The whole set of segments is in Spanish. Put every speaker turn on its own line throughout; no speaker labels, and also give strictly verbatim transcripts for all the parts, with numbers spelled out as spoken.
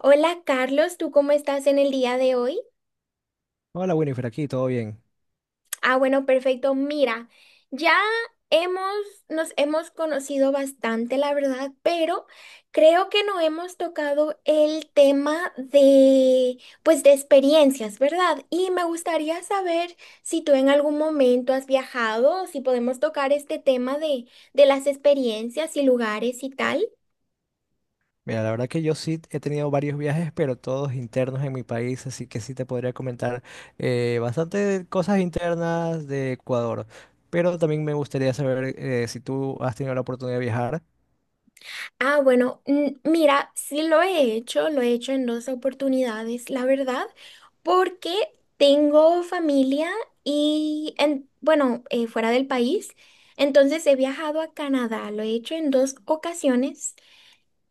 Hola Carlos, ¿tú cómo estás en el día de hoy?
Hola Winifred, aquí todo bien.
Ah, bueno, perfecto. Mira, ya hemos, nos hemos conocido bastante, la verdad, pero creo que no hemos tocado el tema de, pues, de experiencias, ¿verdad? Y me gustaría saber si tú en algún momento has viajado, si podemos tocar este tema de, de las experiencias y lugares y tal.
Mira, la verdad que yo sí he tenido varios viajes, pero todos internos en mi país, así que sí te podría comentar eh, bastante cosas internas de Ecuador. Pero también me gustaría saber eh, si tú has tenido la oportunidad de viajar.
Ah, bueno, mm, mira, sí lo he hecho, lo he hecho en dos oportunidades, la verdad, porque tengo familia y, en, bueno, eh, fuera del país, entonces he viajado a Canadá, lo he hecho en dos ocasiones.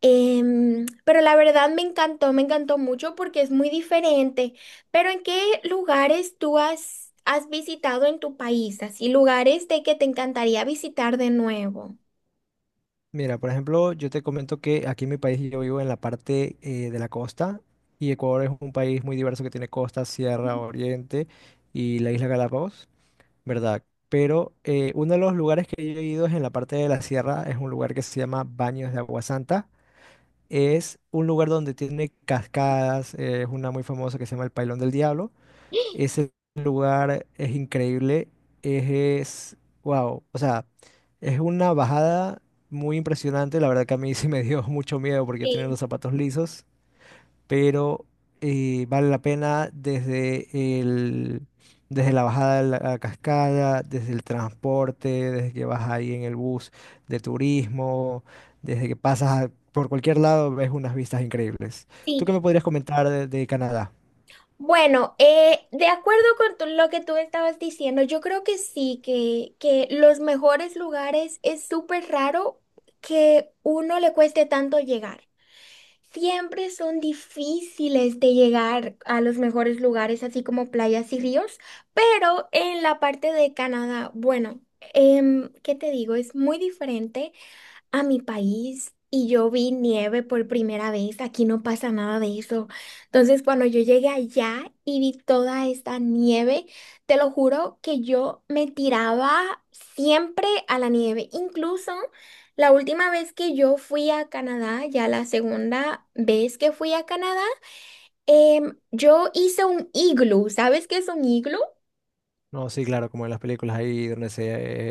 em, Pero la verdad me encantó, me encantó mucho porque es muy diferente. Pero ¿en qué lugares tú has, has visitado en tu país? Así, lugares de que te encantaría visitar de nuevo.
Mira, por ejemplo, yo te comento que aquí en mi país yo vivo en la parte eh, de la costa y Ecuador es un país muy diverso que tiene costa, sierra, oriente y la isla Galápagos. ¿Verdad? Pero eh, uno de los lugares que yo he ido es en la parte de la sierra, es un lugar que se llama Baños de Agua Santa. Es un lugar donde tiene cascadas, eh, es una muy famosa que se llama el Pailón del Diablo. Ese lugar es increíble, es, wow, o sea, es una bajada muy impresionante. La verdad que a mí sí me dio mucho miedo porque tenía
Sí,
los zapatos lisos, pero eh, vale la pena desde el, desde la bajada de la, la cascada, desde el transporte, desde que vas ahí en el bus de turismo, desde que pasas a- por cualquier lado, ves unas vistas increíbles. ¿Tú qué me
sí.
podrías comentar de, de Canadá?
Bueno, eh, de acuerdo con tu- lo que tú estabas diciendo, yo creo que sí, que, que los mejores lugares es súper raro que uno le cueste tanto llegar. Siempre son difíciles de llegar a los mejores lugares, así como playas y ríos, pero en la parte de Canadá, bueno, em, ¿qué te digo? Es muy diferente a mi país y yo vi nieve por primera vez. Aquí no pasa nada de eso. Entonces, cuando yo llegué allá y vi toda esta nieve, te lo juro que yo me tiraba siempre a la nieve. Incluso la última vez que yo fui a Canadá, ya la segunda vez que fui a Canadá, em, yo hice un iglú. ¿Sabes qué es un iglú?
No, sí, claro, como en las películas ahí donde se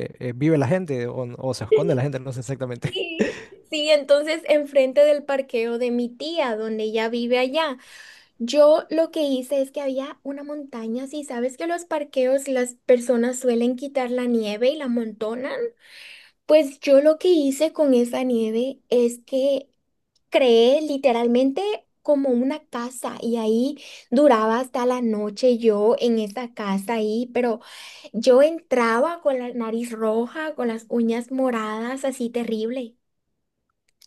eh, eh, vive la gente o, o se esconde la gente, no sé exactamente.
Sí. Sí, entonces enfrente del parqueo de mi tía, donde ella vive allá. Yo lo que hice es que había una montaña, si sabes que los parqueos las personas suelen quitar la nieve y la amontonan, pues yo lo que hice con esa nieve es que creé literalmente como una casa y ahí duraba hasta la noche yo en esa casa ahí, pero yo entraba con la nariz roja, con las uñas moradas, así terrible.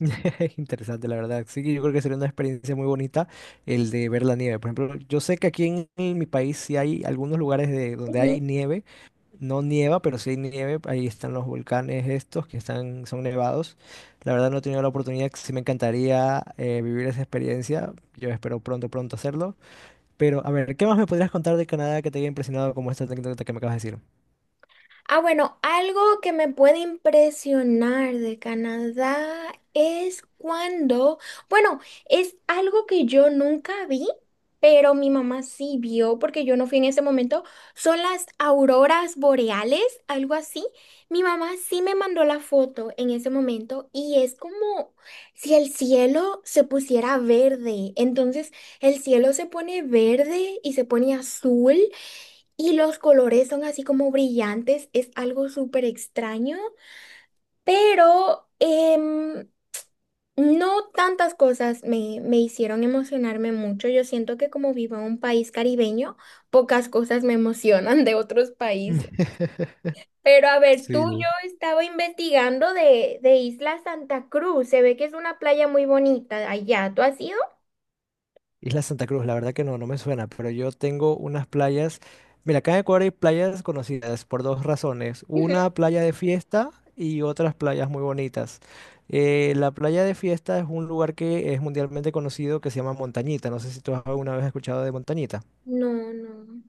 Interesante, la verdad. Sí, yo creo que sería una experiencia muy bonita el de ver la nieve. Por ejemplo, yo sé que aquí en, en mi país sí hay algunos lugares de, donde hay nieve. No nieva, pero sí hay nieve. Ahí están los volcanes estos que están, son nevados. La verdad no he tenido la oportunidad. Sí me encantaría eh, vivir esa experiencia. Yo espero pronto, pronto hacerlo. Pero, a ver, ¿qué más me podrías contar de Canadá que te haya impresionado como esta anécdota que me acabas de decir?
Ah, bueno, algo que me puede impresionar de Canadá es cuando, bueno, es algo que yo nunca vi, pero mi mamá sí vio porque yo no fui en ese momento, son las auroras boreales, algo así. Mi mamá sí me mandó la foto en ese momento y es como si el cielo se pusiera verde. Entonces, el cielo se pone verde y se pone azul. Y los colores son así como brillantes, es algo súper extraño, pero em, no tantas cosas me, me hicieron emocionarme mucho. Yo siento que como vivo en un país caribeño, pocas cosas me emocionan de otros países. Pero a ver, tú,
Sí.
yo estaba investigando de, de Isla Santa Cruz, se ve que es una playa muy bonita allá. ¿Tú has ido?
Isla Santa Cruz, la verdad que no, no me suena, pero yo tengo unas playas. Mira, acá en Ecuador hay playas conocidas por dos razones.
Ujú.
Una playa de fiesta y otras playas muy bonitas. Eh, la playa de fiesta es un lugar que es mundialmente conocido que se llama Montañita. No sé si tú has alguna vez escuchado de Montañita.
No, no.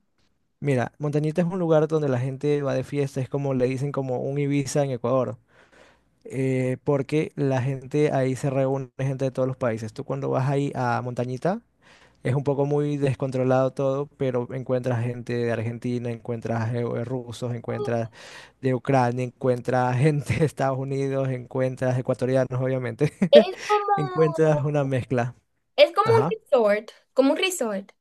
Mira, Montañita es un lugar donde la gente va de fiesta, es como le dicen como un Ibiza en Ecuador. Eh, porque la gente ahí se reúne, gente de todos los países. Tú cuando vas ahí a Montañita, es un poco muy descontrolado todo, pero encuentras gente de Argentina, encuentras eh, eh, rusos, encuentras de Ucrania, encuentras gente de Estados Unidos, encuentras ecuatorianos, obviamente.
Es
Encuentras
como,
una mezcla.
es como un
Ajá.
resort, como un resort.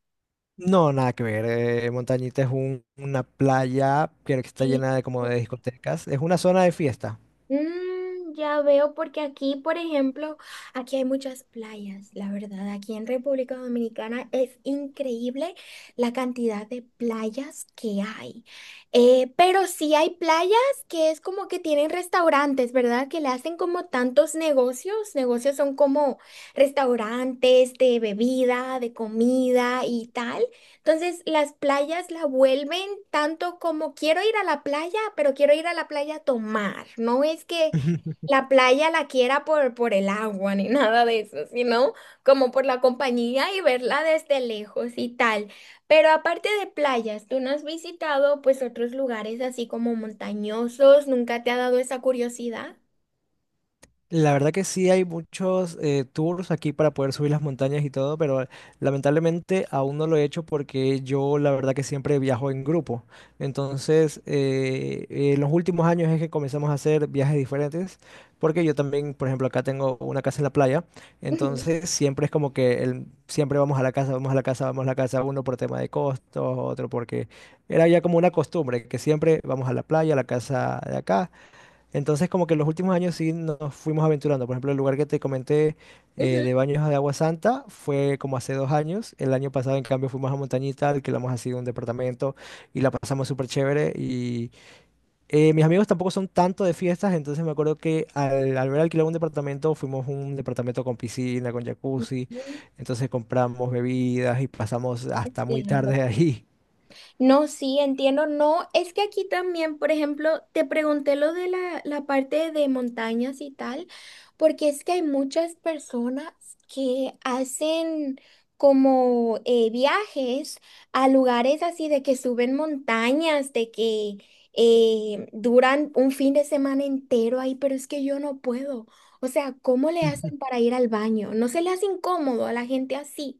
No, nada que ver. eh, Montañita es un- una playa que está
Sí.
llena de como de discotecas. Es una zona de fiesta.
Mm, ya veo, porque aquí, por ejemplo, aquí hay muchas playas, la verdad. Aquí en República Dominicana es increíble la cantidad de playas que hay. Eh, pero sí hay playas que es como que tienen restaurantes, ¿verdad? Que le hacen como tantos negocios. Negocios son como restaurantes de bebida, de comida y tal. Entonces, las playas la vuelven tanto como quiero ir a la playa, pero quiero ir a la playa a tomar. No es que la playa la quiera por, por el agua ni nada de eso, sino como por la compañía y verla desde lejos y tal. Pero aparte de playas, ¿tú no has visitado pues otros lugares así como montañosos? ¿Nunca te ha dado esa curiosidad?
La verdad que sí hay muchos eh, tours aquí para poder subir las montañas y todo, pero lamentablemente aún no lo he hecho porque yo la verdad que siempre viajo en grupo. Entonces, eh, en los últimos años es que comenzamos a hacer viajes diferentes, porque yo también, por ejemplo, acá tengo una casa en la playa, entonces siempre es como que el- siempre vamos a la casa, vamos a la casa, vamos a la casa, uno por tema de costos, otro porque era ya como una costumbre, que siempre vamos a la playa, a la casa de acá. Entonces, como que en los últimos años sí nos fuimos aventurando. Por ejemplo, el lugar que te comenté eh,
Ujú.
de baños de Agua Santa fue como hace dos años. El año pasado, en cambio, fuimos a Montañita, alquilamos así un departamento y la pasamos súper chévere. Y eh, mis amigos tampoco son tanto de fiestas, entonces me acuerdo que al, al ver alquilar un departamento, fuimos a un departamento con piscina, con jacuzzi. Entonces compramos bebidas y pasamos hasta muy
Entiendo.
tarde ahí.
No, sí, entiendo. No, es que aquí también, por ejemplo, te pregunté lo de la, la parte de montañas y tal, porque es que hay muchas personas que hacen como eh, viajes a lugares así de que suben montañas, de que eh, duran un fin de semana entero ahí, pero es que yo no puedo. O sea, ¿cómo le hacen para ir al baño? ¿No se le hace incómodo a la gente así?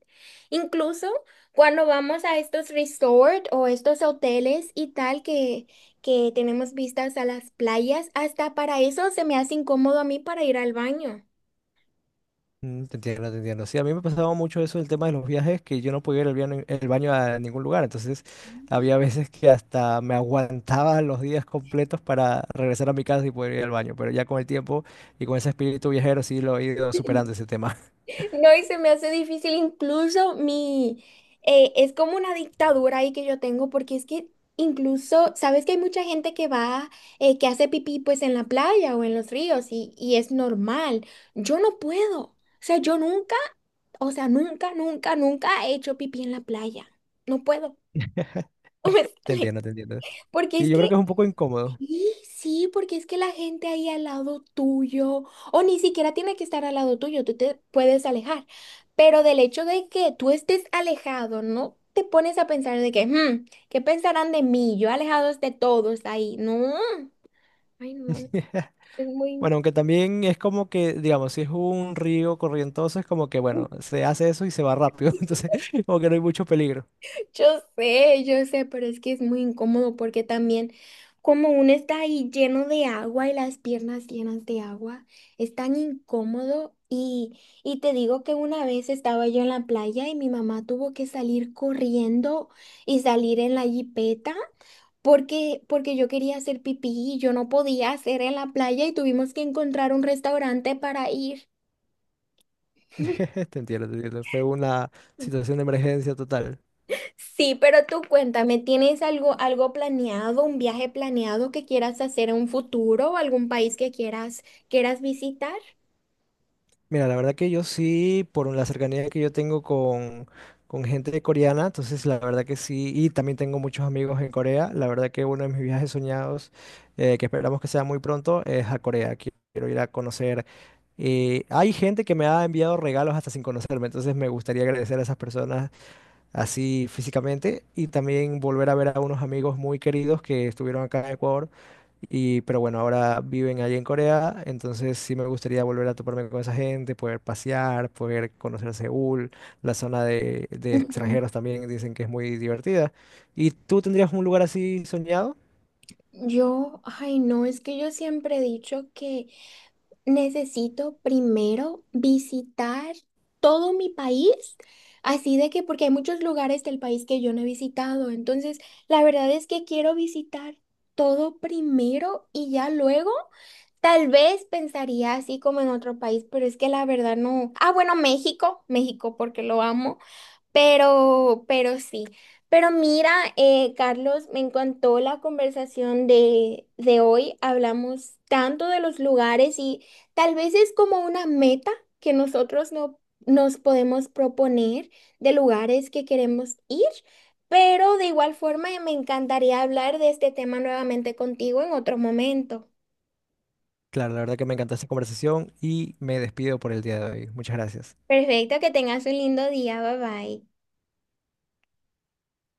Incluso… Cuando vamos a estos resorts o estos hoteles y tal que, que tenemos vistas a las playas, hasta para eso se me hace incómodo a mí para ir al baño.
Mm, te entiendo, te entiendo. Sí, a mí me pasaba mucho eso el tema de los viajes, que yo no podía ir al baño, el baño a ningún lugar. Entonces, había veces que hasta me aguantaba los días completos para regresar a mi casa y poder ir al baño. Pero ya con el tiempo y con ese espíritu viajero, sí lo he ido superando ese tema.
No, y se me hace difícil incluso mi… eh, es como una dictadura ahí que yo tengo porque es que incluso, sabes que hay mucha gente que va, eh, que hace pipí pues en la playa o en los ríos y, y es normal. Yo no puedo. O sea, yo nunca, o sea, nunca, nunca, nunca he hecho pipí en la playa. No puedo. No me
Te
sale.
entiendo, te entiendo.
Porque
Y
es
yo
que,
creo que es un poco incómodo.
sí, sí, porque es que la gente ahí al lado tuyo, o ni siquiera tiene que estar al lado tuyo, tú te puedes alejar. Pero del hecho de que tú estés alejado, no te pones a pensar de que, "Hmm, ¿qué pensarán de mí? Yo alejado de todos ahí. No, ay, no, es muy…"
Bueno, aunque también es como que, digamos, si es un río corrientoso, es como que, bueno, se hace eso y se va rápido. Entonces, como que no hay mucho peligro.
Yo sé, yo sé, pero es que es muy incómodo porque también como uno está ahí lleno de agua y las piernas llenas de agua, es tan incómodo y, y te digo que una vez estaba yo en la playa y mi mamá tuvo que salir corriendo y salir en la jipeta porque, porque yo quería hacer pipí y yo no podía hacer en la playa y tuvimos que encontrar un restaurante para ir.
Te entiendo, te entiendo. Fue una situación de emergencia total.
Sí, pero tú cuéntame, ¿tienes algo, algo planeado, un viaje planeado que quieras hacer en un futuro o algún país que quieras, quieras visitar?
Mira, la verdad que yo sí, por la cercanía que yo tengo con, con gente coreana, entonces la verdad que sí, y también tengo muchos amigos en Corea, la verdad que uno de mis viajes soñados, eh, que esperamos que sea muy pronto, es a Corea. Qui- Quiero ir a conocer. Eh, hay gente que me ha enviado regalos hasta sin conocerme, entonces me gustaría agradecer a esas personas así físicamente, y también volver a ver a unos amigos muy queridos que estuvieron acá en Ecuador, y, pero bueno, ahora viven allí en Corea, entonces sí me gustaría volver a toparme con esa gente, poder pasear, poder conocer Seúl, la zona de, de
Ujú.
extranjeros también dicen que es muy divertida. ¿Y tú tendrías un lugar así soñado?
Yo, ay no, es que yo siempre he dicho que necesito primero visitar todo mi país, así de que porque hay muchos lugares del país que yo no he visitado, entonces la verdad es que quiero visitar todo primero y ya luego tal vez pensaría así como en otro país, pero es que la verdad no. Ah, bueno, México, México porque lo amo. Pero, pero sí. Pero mira, eh, Carlos, me encantó la conversación de, de hoy. Hablamos tanto de los lugares y tal vez es como una meta que nosotros no, nos podemos proponer de lugares que queremos ir. Pero de igual forma, eh, me encantaría hablar de este tema nuevamente contigo en otro momento.
Claro, la verdad que me encantó esta conversación y me despido por el día de hoy. Muchas gracias.
Perfecto, que tengas un lindo día. Bye bye.